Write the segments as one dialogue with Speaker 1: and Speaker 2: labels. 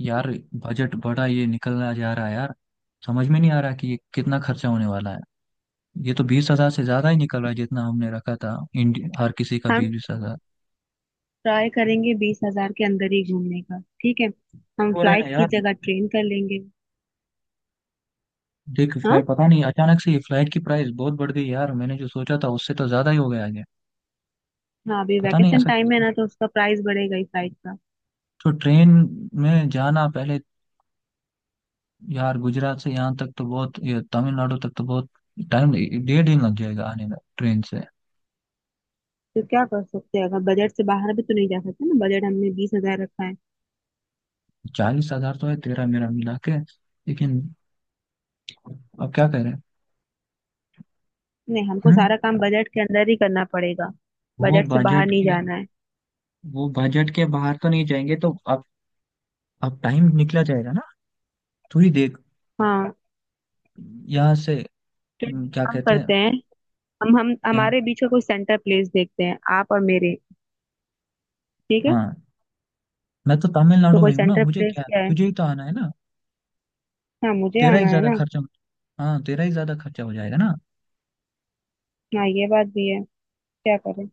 Speaker 1: यार, बजट बड़ा ये निकलना जा रहा है यार। समझ में नहीं आ रहा कि ये कितना खर्चा होने वाला है। ये तो बीस हजार से ज्यादा ही निकल रहा है जितना हमने रखा था, हर किसी का
Speaker 2: हम
Speaker 1: 20-20 हजार
Speaker 2: ट्राई करेंगे 20,000 के अंदर ही घूमने का। ठीक है। हम
Speaker 1: हो रहा है ना
Speaker 2: फ्लाइट की
Speaker 1: यार।
Speaker 2: जगह ट्रेन कर लेंगे।
Speaker 1: देख,
Speaker 2: हाँ।
Speaker 1: फ्लाइट पता नहीं, अचानक से ये फ्लाइट की प्राइस बहुत बढ़ गई यार, मैंने जो सोचा था उससे तो ज्यादा ही हो गया है।
Speaker 2: हाँ, अभी
Speaker 1: पता नहीं
Speaker 2: वैकेशन
Speaker 1: ऐसा
Speaker 2: टाइम है ना, तो उसका प्राइस बढ़ेगा ही फ्लाइट का।
Speaker 1: तो ट्रेन में जाना पहले। यार, गुजरात से यहाँ तक तो बहुत, ये तमिलनाडु तक तो बहुत टाइम, 1.5 दिन लग जाएगा आने में ट्रेन से।
Speaker 2: तो क्या कर सकते हैं, अगर बजट से बाहर भी तो नहीं जा सकते ना, बजट हमने 20,000 रखा है।
Speaker 1: 40,000 तो है तेरा मेरा मिला के, लेकिन अब क्या करें।
Speaker 2: नहीं, हमको
Speaker 1: हम्म,
Speaker 2: सारा काम बजट के अंदर ही करना पड़ेगा।
Speaker 1: वो
Speaker 2: बजट से बाहर
Speaker 1: बजट
Speaker 2: नहीं
Speaker 1: के,
Speaker 2: जाना है।
Speaker 1: वो बजट के बाहर तो नहीं जाएंगे, तो अब टाइम निकला जाएगा ना। तू ही देख
Speaker 2: हाँ।
Speaker 1: यहाँ से।
Speaker 2: तो एक
Speaker 1: क्या
Speaker 2: काम
Speaker 1: कहते हैं।
Speaker 2: करते हैं, हम
Speaker 1: क्या।
Speaker 2: हमारे बीच का कोई सेंटर प्लेस देखते हैं, आप और मेरे। ठीक है।
Speaker 1: हाँ, मैं तो
Speaker 2: तो
Speaker 1: तमिलनाडु में
Speaker 2: कोई
Speaker 1: ही हूँ ना,
Speaker 2: सेंटर
Speaker 1: मुझे
Speaker 2: प्लेस
Speaker 1: क्या,
Speaker 2: क्या है?
Speaker 1: तुझे ही तो आना है ना।
Speaker 2: हाँ, मुझे
Speaker 1: तेरा ही
Speaker 2: आना है
Speaker 1: ज्यादा
Speaker 2: ना।
Speaker 1: खर्चा, हाँ तेरा ही ज्यादा खर्चा हो जाएगा ना।
Speaker 2: हाँ, ये बात भी है। क्या करें?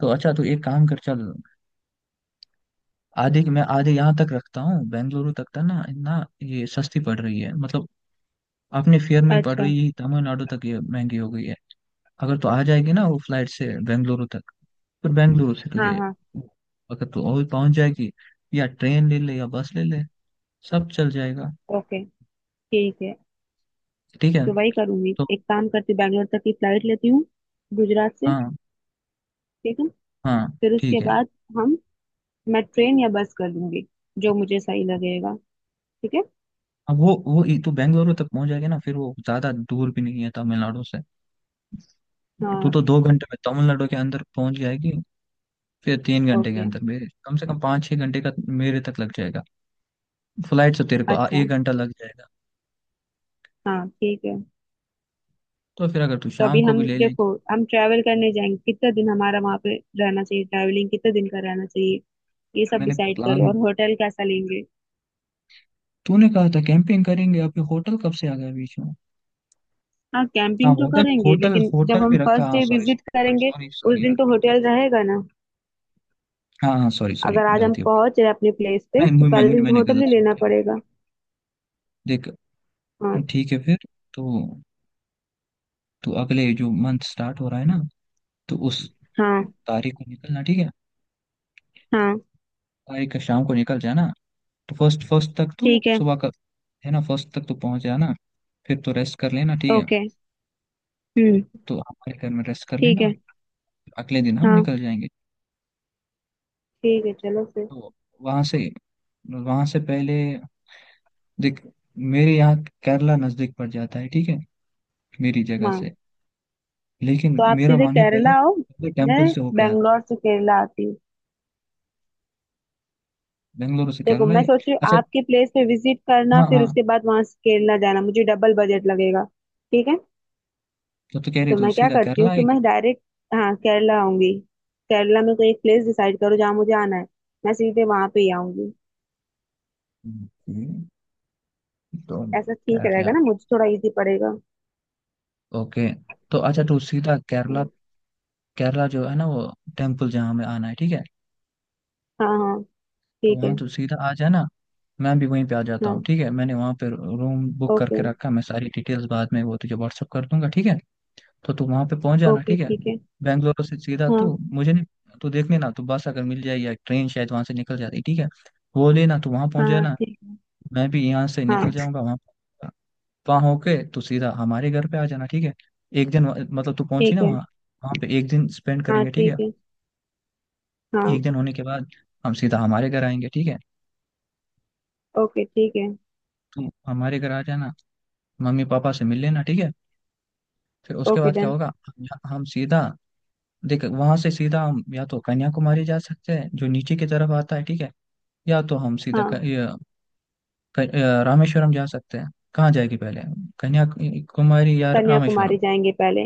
Speaker 1: तो अच्छा, तू एक काम कर, चल, आधे मैं आधे यहाँ तक रखता हूँ, बेंगलुरु तक था ना, ना ये सस्ती पड़ रही है मतलब, अपने फेयर में ही पड़
Speaker 2: अच्छा।
Speaker 1: रही है, तमिलनाडु तक ये महंगी हो गई है। अगर तू आ जाएगी ना वो फ्लाइट से बेंगलुरु तक, पर बेंगलुरु से
Speaker 2: हाँ
Speaker 1: तुझे,
Speaker 2: हाँ।
Speaker 1: अगर तू और पहुंच जाएगी, या ट्रेन ले ले या बस ले ले, सब चल जाएगा।
Speaker 2: ओके ठीक है।
Speaker 1: ठीक है।
Speaker 2: तो वही करूंगी,
Speaker 1: तो
Speaker 2: एक काम करती हूँ, बैंगलोर तक की फ्लाइट लेती हूँ गुजरात से।
Speaker 1: हाँ
Speaker 2: ठीक है।
Speaker 1: हाँ
Speaker 2: फिर
Speaker 1: ठीक
Speaker 2: उसके
Speaker 1: है।
Speaker 2: बाद हम मैं ट्रेन या बस कर लूंगी, जो मुझे सही लगेगा। ठीक है।
Speaker 1: अब तू बेंगलुरु तक पहुंच जाएगी ना, फिर वो ज्यादा दूर भी नहीं है तमिलनाडु से। तू
Speaker 2: हाँ
Speaker 1: तो 2 घंटे में तमिलनाडु के अंदर पहुंच जाएगी, फिर 3 घंटे के
Speaker 2: ओके।
Speaker 1: अंदर मेरे, कम से कम 5-6 घंटे का मेरे तक लग जाएगा। फ्लाइट से तेरे को
Speaker 2: अच्छा।
Speaker 1: एक घंटा लग जाएगा।
Speaker 2: हाँ ठीक है।
Speaker 1: तो फिर अगर तू
Speaker 2: तो अभी
Speaker 1: शाम को
Speaker 2: हम
Speaker 1: भी ले लेगी।
Speaker 2: देखो, हम ट्रैवल करने जाएंगे, कितने दिन हमारा वहाँ पे रहना चाहिए, ट्रैवलिंग कितने दिन का रहना चाहिए, ये सब
Speaker 1: मैंने
Speaker 2: डिसाइड करो,
Speaker 1: प्लान,
Speaker 2: और होटल कैसा लेंगे।
Speaker 1: तूने कहा था कैंपिंग करेंगे, अभी होटल कब से आ गया बीच में।
Speaker 2: हाँ,
Speaker 1: हाँ
Speaker 2: कैंपिंग तो
Speaker 1: होटल
Speaker 2: करेंगे,
Speaker 1: होटल
Speaker 2: लेकिन जब
Speaker 1: होटल
Speaker 2: हम
Speaker 1: भी रखा,
Speaker 2: फर्स्ट
Speaker 1: हाँ,
Speaker 2: डे
Speaker 1: सॉरी
Speaker 2: विजिट
Speaker 1: सॉरी
Speaker 2: करेंगे
Speaker 1: सॉरी
Speaker 2: उस
Speaker 1: सॉरी यार।
Speaker 2: दिन तो होटल रहेगा ना।
Speaker 1: हाँ हाँ सॉरी सॉरी,
Speaker 2: अगर आज हम
Speaker 1: गलती हो
Speaker 2: पहुंच
Speaker 1: गई।
Speaker 2: रहे अपने प्लेस पे,
Speaker 1: नहीं,
Speaker 2: तो पहले दिन तो
Speaker 1: मैंने
Speaker 2: होटल
Speaker 1: गलत
Speaker 2: ही
Speaker 1: सोच
Speaker 2: लेना
Speaker 1: लिया, ओके।
Speaker 2: पड़ेगा।
Speaker 1: देख,
Speaker 2: हाँ।
Speaker 1: ठीक है फिर। तो तो अगले जो मंथ स्टार्ट हो रहा है ना, तो उस
Speaker 2: हाँ
Speaker 1: तारीख को निकलना, ठीक है।
Speaker 2: हाँ।
Speaker 1: तारीख का शाम को निकल जाना, तो फर्स्ट फर्स्ट तक तो
Speaker 2: ठीक है।
Speaker 1: सुबह का, है ना, फर्स्ट तक तो पहुंच जाना, फिर तो रेस्ट कर लेना, ठीक है,
Speaker 2: ओके। हम्म।
Speaker 1: तो हमारे घर में रेस्ट कर
Speaker 2: ठीक
Speaker 1: लेना।
Speaker 2: है।
Speaker 1: अगले दिन हम
Speaker 2: हाँ
Speaker 1: निकल जाएंगे।
Speaker 2: ठीक है चलो फिर।
Speaker 1: तो वहां से वहां से पहले देख, मेरे यहाँ केरला नजदीक पड़ जाता है, ठीक है, मेरी जगह
Speaker 2: हाँ।
Speaker 1: से, लेकिन
Speaker 2: तो आप
Speaker 1: मेरा
Speaker 2: सीधे
Speaker 1: मन है
Speaker 2: केरला
Speaker 1: पहले,
Speaker 2: आओ,
Speaker 1: पहले
Speaker 2: मैं
Speaker 1: टेम्पल से होके आते
Speaker 2: बैंगलोर
Speaker 1: हैं।
Speaker 2: से केरला आती हूँ।
Speaker 1: बेंगलुरु से
Speaker 2: देखो,
Speaker 1: केरला
Speaker 2: मैं
Speaker 1: आए?
Speaker 2: सोच रही हूँ
Speaker 1: अच्छा,
Speaker 2: आपके प्लेस पे विजिट करना,
Speaker 1: हाँ
Speaker 2: फिर
Speaker 1: हाँ।
Speaker 2: उसके बाद वहां से केरला जाना, मुझे डबल बजट लगेगा। ठीक है।
Speaker 1: तो कह
Speaker 2: तो
Speaker 1: रही तू
Speaker 2: मैं क्या
Speaker 1: सीधा
Speaker 2: करती
Speaker 1: केरला
Speaker 2: हूँ कि
Speaker 1: आएगी।
Speaker 2: मैं डायरेक्ट, हाँ, केरला आऊंगी। केरला में कोई एक प्लेस डिसाइड करो जहाँ मुझे आना है, मैं सीधे वहां पे ही आऊंगी।
Speaker 1: ओके, तो
Speaker 2: ऐसा ठीक
Speaker 1: ठहर जा,
Speaker 2: रहेगा ना, मुझे थोड़ा इजी पड़ेगा।
Speaker 1: ओके। तो अच्छा, तू सीधा केरला,
Speaker 2: हाँ
Speaker 1: केरला जो है ना वो, टेम्पल जहाँ हमें आना है, ठीक है,
Speaker 2: हाँ। हाँ,
Speaker 1: तो
Speaker 2: ठीक है।
Speaker 1: वहाँ तू सीधा आ जाना। मैं भी वहीं पे आ जाता हूँ,
Speaker 2: हाँ।
Speaker 1: ठीक है, मैंने वहाँ पे रूम बुक करके
Speaker 2: ओके।
Speaker 1: रखा, मैं सारी डिटेल्स बाद में वो तुझे व्हाट्सअप कर दूंगा, ठीक है। तो तू वहां पे पहुंच जाना,
Speaker 2: ओके
Speaker 1: ठीक है।
Speaker 2: ठीक है।
Speaker 1: बेंगलोर से सीधा
Speaker 2: हाँ
Speaker 1: तू, मुझे नहीं, तू देख लेना, तू बस अगर मिल जाए या ट्रेन, शायद वहां से निकल जाती, ठीक है, वो लेना, तू वहां पहुंच
Speaker 2: हाँ हाँ,
Speaker 1: जाना।
Speaker 2: ठीक।
Speaker 1: मैं भी यहाँ से
Speaker 2: हाँ
Speaker 1: निकल जाऊंगा वहां, वहां होके तू सीधा हमारे घर पे आ जाना, ठीक है। एक दिन वहाँ, मतलब तू पहुंची
Speaker 2: ठीक
Speaker 1: ना
Speaker 2: है।
Speaker 1: वहाँ, वहां पे एक दिन स्पेंड
Speaker 2: हाँ
Speaker 1: करेंगे, ठीक है।
Speaker 2: ठीक है। हाँ।
Speaker 1: एक दिन होने के बाद हम सीधा हमारे घर आएंगे, ठीक है,
Speaker 2: ओके ठीक है।
Speaker 1: तुम हमारे घर आ जाना, मम्मी पापा से मिल लेना, ठीक है। फिर उसके
Speaker 2: ओके
Speaker 1: बाद क्या
Speaker 2: डन।
Speaker 1: होगा, हम हम सीधा, देख वहां से सीधा हम या तो कन्याकुमारी जा सकते हैं जो नीचे की तरफ आता है, ठीक है, या तो हम सीधा क,
Speaker 2: हाँ,
Speaker 1: ये, क, अ, रामेश्वरम जा सकते हैं। कहाँ जाएगी पहले, कन्याकुमारी या रामेश्वरम?
Speaker 2: कन्याकुमारी जाएंगे पहले।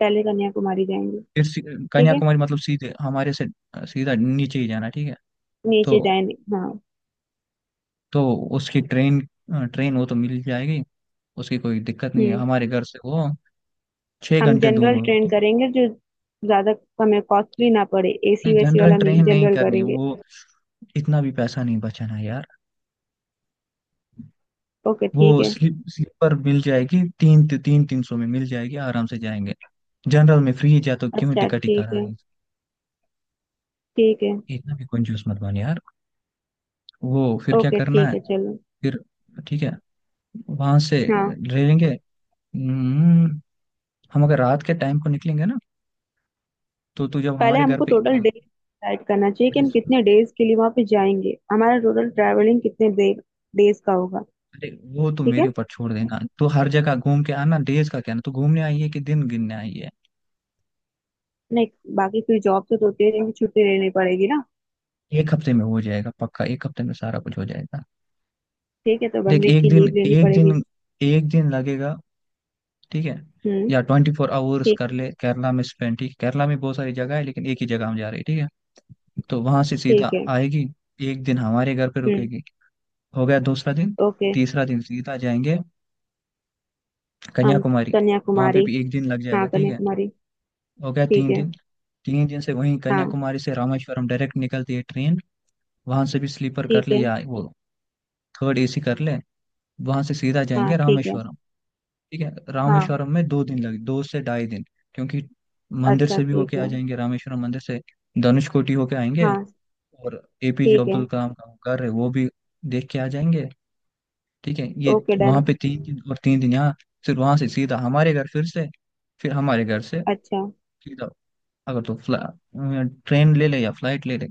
Speaker 2: पहले कन्याकुमारी जाएंगे।
Speaker 1: फिर सी-
Speaker 2: ठीक है।
Speaker 1: कन्याकुमारी मतलब सीधे हमारे से सीधा नीचे ही जाना, ठीक है। तो
Speaker 2: नीचे जाएंगे हाँ।
Speaker 1: तो उसकी ट्रेन, ट्रेन वो तो मिल जाएगी, उसकी कोई दिक्कत नहीं है,
Speaker 2: हम्म।
Speaker 1: हमारे घर से वो छः
Speaker 2: हम
Speaker 1: घंटे दूर
Speaker 2: जनरल
Speaker 1: होगा,
Speaker 2: ट्रेन
Speaker 1: ठीक है।
Speaker 2: करेंगे, जो ज्यादा, हमें कॉस्टली ना पड़े,
Speaker 1: नहीं,
Speaker 2: एसी वैसी
Speaker 1: जनरल
Speaker 2: वाला नहीं,
Speaker 1: ट्रेन नहीं
Speaker 2: जनरल
Speaker 1: करनी
Speaker 2: करेंगे।
Speaker 1: वो, इतना भी पैसा नहीं बचाना यार।
Speaker 2: ओके
Speaker 1: वो
Speaker 2: ठीक है।
Speaker 1: स्लीपर मिल जाएगी, तीन 300-300 में मिल जाएगी, आराम से जाएंगे। जनरल में फ्री जा, तो क्यों
Speaker 2: अच्छा
Speaker 1: टिकट ही
Speaker 2: ठीक है।
Speaker 1: करानी,
Speaker 2: ठीक है।
Speaker 1: इतना भी कंजूस मत बन यार। वो फिर क्या
Speaker 2: ओके
Speaker 1: करना
Speaker 2: ठीक
Speaker 1: है,
Speaker 2: है चलो।
Speaker 1: फिर, ठीक है, वहां से
Speaker 2: हाँ।
Speaker 1: ले लेंगे। हम्म, हम अगर रात के टाइम को निकलेंगे ना, तो तू जब
Speaker 2: पहले
Speaker 1: हमारे घर
Speaker 2: हमको
Speaker 1: पे
Speaker 2: टोटल डेज डिसाइड करना चाहिए कि
Speaker 1: अरे
Speaker 2: हम
Speaker 1: सुन,
Speaker 2: कितने डेज के लिए वहां पे जाएंगे, हमारा टोटल ट्रैवलिंग कितने डे डेज का होगा।
Speaker 1: अरे, वो तो
Speaker 2: ठीक है।
Speaker 1: मेरे ऊपर छोड़ देना, तू हर जगह घूम के आना, डेज का क्या ना, तू घूमने आई है कि दिन गिनने आई है।
Speaker 2: नहीं। बाकी फिर जॉब से तो होते रहेंगे, छुट्टी लेनी पड़ेगी ना।
Speaker 1: एक हफ्ते में हो जाएगा पक्का, एक हफ्ते में सारा कुछ हो जाएगा।
Speaker 2: ठीक है, तो वन
Speaker 1: देख,
Speaker 2: वीक
Speaker 1: एक
Speaker 2: की
Speaker 1: दिन
Speaker 2: लीव लेनी
Speaker 1: एक
Speaker 2: पड़ेगी।
Speaker 1: दिन एक दिन लगेगा, ठीक है,
Speaker 2: हम्म।
Speaker 1: या 24 hours
Speaker 2: ठीक
Speaker 1: कर
Speaker 2: है।
Speaker 1: ले केरला में स्पेंड, ठीक है? केरला में बहुत सारी जगह है लेकिन एक ही जगह हम जा रहे हैं, ठीक है। तो वहां से
Speaker 2: ठीक
Speaker 1: सीधा
Speaker 2: है।
Speaker 1: आएगी, एक दिन हमारे घर पे
Speaker 2: हम्म।
Speaker 1: रुकेगी, हो गया दूसरा दिन।
Speaker 2: ओके।
Speaker 1: तीसरा दिन सीधा जाएंगे
Speaker 2: हम।
Speaker 1: कन्याकुमारी, वहां पे
Speaker 2: कन्याकुमारी।
Speaker 1: भी एक दिन लग
Speaker 2: हाँ,
Speaker 1: जाएगा, ठीक है,
Speaker 2: कन्याकुमारी।
Speaker 1: हो गया
Speaker 2: ठीक
Speaker 1: तीन
Speaker 2: है।
Speaker 1: दिन 3 दिन से वहीं,
Speaker 2: हाँ
Speaker 1: कन्याकुमारी से रामेश्वरम डायरेक्ट निकलती है ट्रेन, वहां से भी स्लीपर
Speaker 2: ठीक
Speaker 1: कर ले
Speaker 2: है।
Speaker 1: या वो थर्ड एसी कर ले, वहां से सीधा
Speaker 2: हाँ
Speaker 1: जाएंगे
Speaker 2: ठीक है।
Speaker 1: रामेश्वरम, ठीक है।
Speaker 2: हाँ।
Speaker 1: रामेश्वरम में 2 दिन लगे, दो से 2.5 दिन, क्योंकि मंदिर
Speaker 2: अच्छा
Speaker 1: से भी
Speaker 2: ठीक
Speaker 1: होके आ
Speaker 2: है।
Speaker 1: जाएंगे, रामेश्वरम मंदिर से धनुषकोटी होके आएंगे,
Speaker 2: हाँ
Speaker 1: और एपीजे
Speaker 2: ठीक है।
Speaker 1: अब्दुल कलाम का वो घर है वो भी देख के आ जाएंगे, ठीक है। ये
Speaker 2: ओके
Speaker 1: वहां
Speaker 2: डन।
Speaker 1: पे 3 दिन और 3 दिन यहाँ। फिर वहां से सीधा हमारे घर, फिर से, फिर हमारे घर से
Speaker 2: अच्छा।
Speaker 1: सीधा, अगर तो फ्ला ट्रेन ले ले या फ्लाइट ले ले।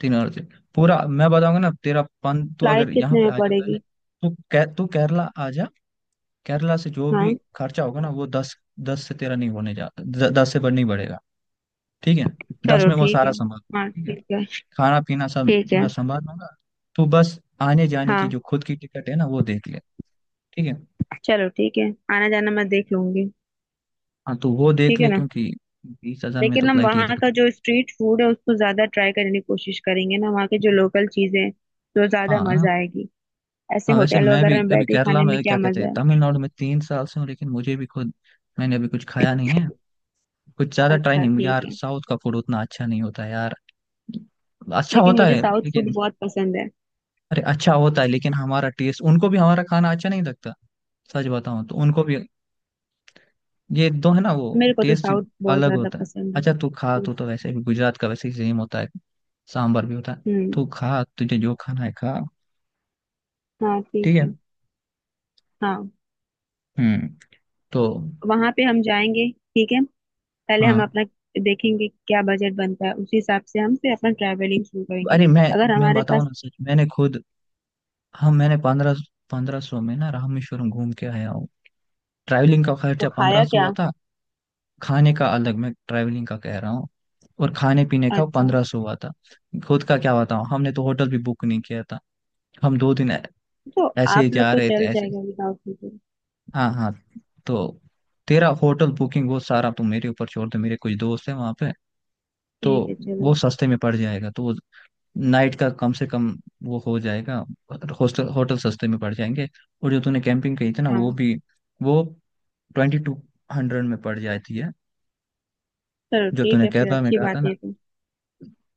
Speaker 1: तीन और से, पूरा मैं बताऊंगा ना तेरा पन, तू
Speaker 2: फ्लाइट
Speaker 1: अगर यहाँ
Speaker 2: कितने
Speaker 1: पे
Speaker 2: में
Speaker 1: आ जा पहले,
Speaker 2: पड़ेगी?
Speaker 1: तो तू केरला आ जा। केरला से जो भी
Speaker 2: हाँ,
Speaker 1: खर्चा होगा ना, वो दस, दस से तेरा नहीं होने जा दस से बढ़ नहीं बढ़ेगा, ठीक है, दस
Speaker 2: चलो
Speaker 1: में वो
Speaker 2: ठीक
Speaker 1: सारा
Speaker 2: है।
Speaker 1: संभाल,
Speaker 2: हाँ
Speaker 1: ठीक है।
Speaker 2: ठीक है।
Speaker 1: खाना पीना सब
Speaker 2: ठीक है।
Speaker 1: मैं संभाल लूंगा, तू बस आने जाने की
Speaker 2: हाँ।
Speaker 1: जो खुद की टिकट है ना वो देख ले, ठीक है।
Speaker 2: चलो ठीक है, आना जाना मैं देख लूंगी।
Speaker 1: हाँ तो वो देख
Speaker 2: ठीक है
Speaker 1: ले,
Speaker 2: ना।
Speaker 1: क्योंकि 20,000 में तो
Speaker 2: लेकिन हम
Speaker 1: फ्लाइट इधर
Speaker 2: वहाँ का
Speaker 1: उधर।
Speaker 2: जो स्ट्रीट फूड है उसको ज्यादा ट्राई करने की कोशिश करेंगे ना, वहाँ के जो लोकल चीजें हैं, तो ज्यादा
Speaker 1: हाँ
Speaker 2: मजा आएगी। ऐसे
Speaker 1: हाँ, वैसे
Speaker 2: होटल
Speaker 1: मैं भी
Speaker 2: वगैरह में
Speaker 1: अभी
Speaker 2: बैठे
Speaker 1: केरला
Speaker 2: खाने में
Speaker 1: में
Speaker 2: क्या
Speaker 1: क्या कहते
Speaker 2: मजा
Speaker 1: हैं,
Speaker 2: है।
Speaker 1: तमिलनाडु में 3 साल से हूँ, लेकिन मुझे भी खुद, मैंने अभी कुछ खाया नहीं है, कुछ ज्यादा ट्राई
Speaker 2: अच्छा
Speaker 1: नहीं
Speaker 2: ठीक
Speaker 1: यार,
Speaker 2: है।
Speaker 1: साउथ का फूड उतना अच्छा नहीं होता यार। अच्छा
Speaker 2: लेकिन
Speaker 1: होता
Speaker 2: मुझे
Speaker 1: है
Speaker 2: साउथ फूड
Speaker 1: लेकिन,
Speaker 2: बहुत पसंद है।
Speaker 1: अरे अच्छा होता है लेकिन हमारा टेस्ट, उनको भी हमारा खाना अच्छा नहीं लगता, सच बताऊं तो, उनको भी ये दो है ना वो,
Speaker 2: मेरे को तो
Speaker 1: टेस्ट
Speaker 2: साउथ बहुत
Speaker 1: अलग
Speaker 2: ज्यादा
Speaker 1: होता है।
Speaker 2: पसंद है,
Speaker 1: अच्छा तू खा,
Speaker 2: फूड।
Speaker 1: तू तो वैसे भी गुजरात का वैसे ही सेम होता है, सांभर भी होता है,
Speaker 2: हम्म।
Speaker 1: तू खा, तुझे जो खाना है खा,
Speaker 2: हाँ ठीक
Speaker 1: ठीक है।
Speaker 2: है। हाँ।
Speaker 1: हम्म। तो
Speaker 2: वहाँ पे हम जाएंगे। ठीक है। पहले हम
Speaker 1: हाँ,
Speaker 2: अपना देखेंगे क्या बजट बनता है, उसी हिसाब से हम फिर अपना ट्रैवलिंग शुरू करेंगे।
Speaker 1: अरे मैं
Speaker 2: अगर
Speaker 1: मैं
Speaker 2: हमारे
Speaker 1: बताऊँ
Speaker 2: पास।
Speaker 1: ना सच, मैंने खुद, हम मैंने पंद्रह पंद्रह सौ में ना रामेश्वरम घूम के आया हूँ, ट्रैवलिंग का
Speaker 2: तो
Speaker 1: खर्चा
Speaker 2: खाया
Speaker 1: 1500
Speaker 2: क्या?
Speaker 1: हुआ था। खाने का अलग, मैं ट्रैवलिंग का कह रहा हूँ, और खाने पीने का
Speaker 2: अच्छा।
Speaker 1: 1500 हुआ था। खुद का क्या बताऊँ, हमने तो होटल भी बुक नहीं किया था, हम 2 दिन
Speaker 2: तो
Speaker 1: ऐसे
Speaker 2: आप
Speaker 1: ही
Speaker 2: लोग
Speaker 1: जा
Speaker 2: को
Speaker 1: रहे थे,
Speaker 2: चल
Speaker 1: ऐसे।
Speaker 2: जाएगा विदाउट वीजा।
Speaker 1: हाँ हाँ, तो तेरा होटल बुकिंग वो सारा तुम मेरे ऊपर छोड़ दो, मेरे कुछ दोस्त हैं वहाँ पे, तो
Speaker 2: ठीक है
Speaker 1: वो
Speaker 2: चलो।
Speaker 1: सस्ते में पड़ जाएगा, तो वो नाइट का कम से कम वो हो जाएगा, हॉस्टल होटल सस्ते में पड़ जाएंगे। और जो तूने कैंपिंग कही थी ना, वो
Speaker 2: हाँ।
Speaker 1: भी, वो 2200 में पड़ जाती है,
Speaker 2: चलो
Speaker 1: जो
Speaker 2: ठीक
Speaker 1: तूने
Speaker 2: है फिर,
Speaker 1: केरला में
Speaker 2: अच्छी
Speaker 1: कहा था
Speaker 2: बात
Speaker 1: ना,
Speaker 2: है तो।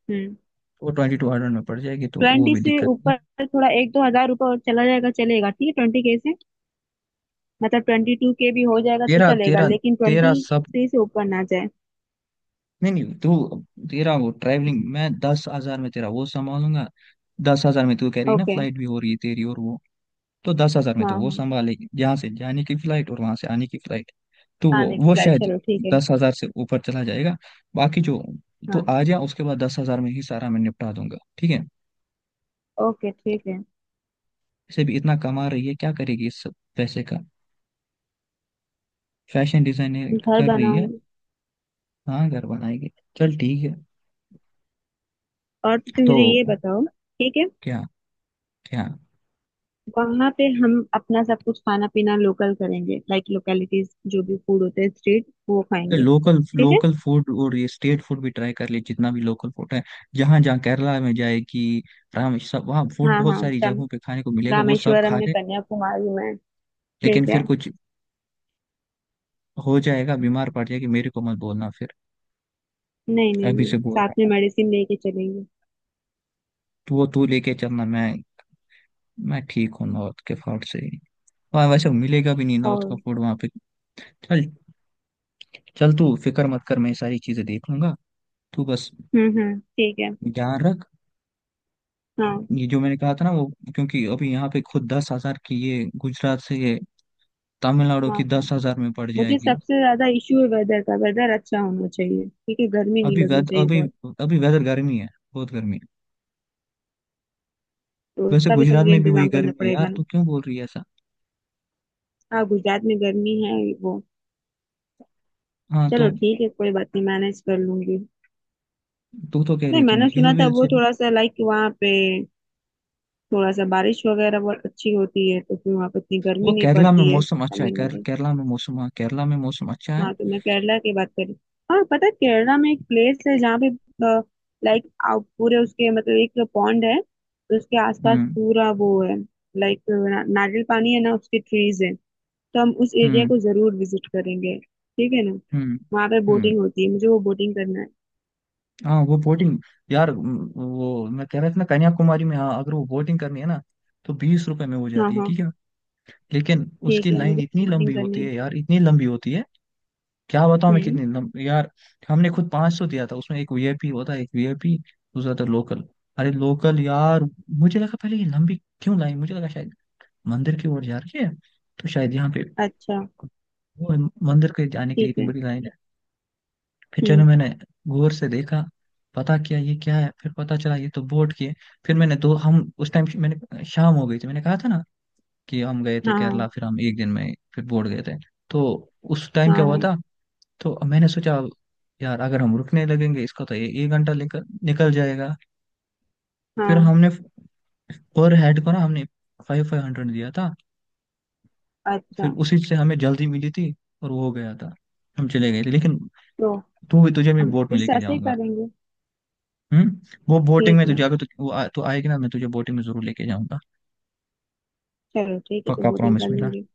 Speaker 2: हम्म।
Speaker 1: वो 2200 में पड़ जाएगी, तो वो
Speaker 2: ट्वेंटी
Speaker 1: भी
Speaker 2: से
Speaker 1: दिक्कत नहीं
Speaker 2: ऊपर
Speaker 1: है।
Speaker 2: थोड़ा एक दो हजार रुपये और चला जाएगा, चलेगा, ठीक है। 20 के से मतलब 22 के भी हो जाएगा तो
Speaker 1: तेरा
Speaker 2: चलेगा,
Speaker 1: तेरा
Speaker 2: लेकिन ट्वेंटी
Speaker 1: तेरा सब,
Speaker 2: थ्री से ऊपर ना जाए।
Speaker 1: नहीं नहीं, तू, तेरा वो ट्रैवलिंग मैं दस हजार में तेरा वो संभालूंगा। दस हजार में तू कह रही है ना,
Speaker 2: ओके।
Speaker 1: फ्लाइट भी हो रही है तेरी, और वो, तो दस हजार में तो
Speaker 2: हाँ
Speaker 1: वो
Speaker 2: हाँ।
Speaker 1: संभालेगी, यहाँ से जाने की फ्लाइट और वहां से आने की फ्लाइट, तो
Speaker 2: आने की
Speaker 1: वो
Speaker 2: फ्लाइट,
Speaker 1: शायद
Speaker 2: चलो ठीक है।
Speaker 1: दस हजार से ऊपर चला जाएगा। बाकी जो, तो
Speaker 2: हाँ।
Speaker 1: आ जा, उसके बाद दस हजार में ही सारा मैं निपटा दूंगा, ठीक है।
Speaker 2: ओके ठीक है।
Speaker 1: इसे भी इतना कमा रही है, क्या करेगी इस सब पैसे का, फैशन डिजाइनिंग
Speaker 2: घर
Speaker 1: कर रही है।
Speaker 2: बनाऊंगी।
Speaker 1: हाँ, घर बनाएगी। चल ठीक है।
Speaker 2: और तो तुम
Speaker 1: तो
Speaker 2: मुझे ये बताओ, ठीक है,
Speaker 1: क्या क्या,
Speaker 2: वहां पे हम अपना सब कुछ खाना पीना लोकल करेंगे, लाइक लोकेलिटीज, जो भी फूड होते हैं स्ट्रीट, वो खाएंगे।
Speaker 1: लोकल
Speaker 2: ठीक है।
Speaker 1: लोकल फूड और ये स्टेट फूड भी ट्राई कर लिए, जितना भी लोकल फूड है, जहाँ जहाँ केरला में जाएगी, रामेश्वर सब, वहाँ फूड
Speaker 2: हाँ
Speaker 1: बहुत
Speaker 2: हाँ,
Speaker 1: सारी
Speaker 2: तम
Speaker 1: जगहों पे खाने को मिलेगा, वो सब
Speaker 2: रामेश्वरम
Speaker 1: खा
Speaker 2: में,
Speaker 1: ले।
Speaker 2: कन्याकुमारी में।
Speaker 1: लेकिन
Speaker 2: ठीक है।
Speaker 1: फिर कुछ हो जाएगा, बीमार पड़ जाएगी, मेरे को मत बोलना फिर,
Speaker 2: नहीं नहीं
Speaker 1: अभी
Speaker 2: नहीं,
Speaker 1: से बोल
Speaker 2: साथ
Speaker 1: रहा
Speaker 2: में
Speaker 1: हूँ,
Speaker 2: मेडिसिन लेके चलेंगे।
Speaker 1: तो वो तू लेके चलना। मैं ठीक हूँ नॉर्थ के फूड से ही, वहाँ वैसे मिलेगा भी नहीं नॉर्थ का
Speaker 2: और।
Speaker 1: फूड वहाँ पे। चल, चल तू फिक्र मत कर, मैं ये सारी चीजें देख लूंगा, तू बस
Speaker 2: हम्म, ठीक है।
Speaker 1: ध्यान रख।
Speaker 2: हाँ
Speaker 1: ये जो मैंने कहा था ना वो, क्योंकि अभी यहाँ पे खुद दस हजार की ये, गुजरात से ये तमिलनाडु
Speaker 2: हाँ।
Speaker 1: की
Speaker 2: हाँ,
Speaker 1: दस हजार में पड़
Speaker 2: मुझे
Speaker 1: जाएगी।
Speaker 2: सबसे ज्यादा इश्यू है वेदर का, वेदर अच्छा होना चाहिए ठीक है, गर्मी नहीं
Speaker 1: अभी
Speaker 2: लगनी
Speaker 1: वेद
Speaker 2: चाहिए
Speaker 1: अभी
Speaker 2: बहुत।
Speaker 1: अभी वेदर गर्मी है, बहुत गर्मी है।
Speaker 2: तो
Speaker 1: वैसे
Speaker 2: उसका भी तो
Speaker 1: गुजरात
Speaker 2: मुझे
Speaker 1: में भी वही
Speaker 2: इंतजाम करना
Speaker 1: गर्मी है
Speaker 2: पड़ेगा
Speaker 1: यार, तू
Speaker 2: ना।
Speaker 1: क्यों बोल रही है ऐसा।
Speaker 2: हाँ, गुजरात में गर्मी है, वो।
Speaker 1: हाँ तो,
Speaker 2: चलो ठीक है, कोई बात नहीं, मैनेज कर लूंगी।
Speaker 1: तू तो कह
Speaker 2: नहीं,
Speaker 1: रही थी मैं
Speaker 2: मैंने
Speaker 1: हिल
Speaker 2: सुना था
Speaker 1: विल
Speaker 2: वो
Speaker 1: से।
Speaker 2: थोड़ा सा, लाइक, वहाँ पे थोड़ा सा बारिश वगैरह बहुत अच्छी होती है, तो फिर वहाँ पे इतनी
Speaker 1: वो
Speaker 2: गर्मी नहीं
Speaker 1: केरला में
Speaker 2: पड़ती है,
Speaker 1: मौसम अच्छा है,
Speaker 2: तमिलनाडु।
Speaker 1: केरला में मौसम, हाँ केरला में मौसम अच्छा है।
Speaker 2: हाँ, तो मैं केरला की बात करी। हाँ, पता है केरला में एक प्लेस है जहाँ पे, लाइक, पूरे उसके मतलब एक पॉन्ड है, तो उसके आसपास
Speaker 1: हम्म
Speaker 2: पूरा वो है, लाइक ना, नारियल पानी है ना, उसके ट्रीज है। तो हम उस एरिया
Speaker 1: हम्म
Speaker 2: को जरूर विजिट करेंगे, ठीक है ना।
Speaker 1: हम्म।
Speaker 2: वहाँ पे
Speaker 1: हम्म,
Speaker 2: बोटिंग होती है, मुझे वो बोटिंग करना है।
Speaker 1: हाँ वो बोटिंग, यार वो मैं कह रहा था ना कन्याकुमारी में, हाँ अगर वो बोटिंग करनी है ना, तो 20 रुपए में हो
Speaker 2: हाँ
Speaker 1: जाती है,
Speaker 2: हाँ।
Speaker 1: ठीक है। लेकिन उसकी
Speaker 2: ठीक है,
Speaker 1: लाइन
Speaker 2: मुझे
Speaker 1: इतनी
Speaker 2: बोटिंग
Speaker 1: लंबी
Speaker 2: करनी
Speaker 1: होती
Speaker 2: है।
Speaker 1: है यार, इतनी लंबी होती है, क्या बताऊं मैं
Speaker 2: हम्म।
Speaker 1: कितनी लंबी यार। हमने खुद 500 दिया था, उसमें एक वीआईपी होता है, एक वीआईपी, दूसरा था लोकल, अरे लोकल यार। मुझे लगा पहले ये लंबी क्यों लाई, मुझे लगा शायद मंदिर की ओर जा रही है, तो शायद यहाँ पे
Speaker 2: अच्छा
Speaker 1: वो है, मंदिर के जाने के लिए
Speaker 2: ठीक
Speaker 1: इतनी
Speaker 2: है।
Speaker 1: बड़ी लाइन है। फिर चलो,
Speaker 2: हम्म।
Speaker 1: मैंने गौर से देखा, पता किया ये क्या है, फिर पता चला ये तो बोट की है। फिर मैंने दो, हम उस टाइम, मैंने शाम हो गई थी, मैंने कहा था ना कि हम गए थे केरला,
Speaker 2: हाँ
Speaker 1: फिर हम एक दिन में फिर बोट गए थे, तो उस टाइम
Speaker 2: हाँ
Speaker 1: क्या
Speaker 2: हाँ
Speaker 1: हुआ
Speaker 2: हाँ
Speaker 1: था। तो मैंने सोचा, यार अगर हम रुकने लगेंगे इसका तो ये एक घंटा निकल निकल जाएगा, फिर
Speaker 2: हाँ,
Speaker 1: हमने पर हेड को ना हमने फाइव 500 दिया था,
Speaker 2: अच्छा।
Speaker 1: फिर उसी से हमें जल्दी मिली थी और वो हो गया था, हम चले गए थे। लेकिन
Speaker 2: तो
Speaker 1: तू भी, तुझे मैं
Speaker 2: हम
Speaker 1: बोट
Speaker 2: फिर
Speaker 1: में
Speaker 2: से
Speaker 1: लेके
Speaker 2: ऐसे ही
Speaker 1: जाऊंगा।
Speaker 2: करेंगे।
Speaker 1: हम्म, वो बोटिंग
Speaker 2: ठीक
Speaker 1: में
Speaker 2: है
Speaker 1: तुझे, अगर तू आएगी ना, मैं तुझे बोटिंग में जरूर लेके जाऊंगा।
Speaker 2: चलो, ठीक है तो
Speaker 1: पक्का
Speaker 2: बोटिंग
Speaker 1: प्रॉमिस
Speaker 2: कर
Speaker 1: मेरा।
Speaker 2: लेंगे।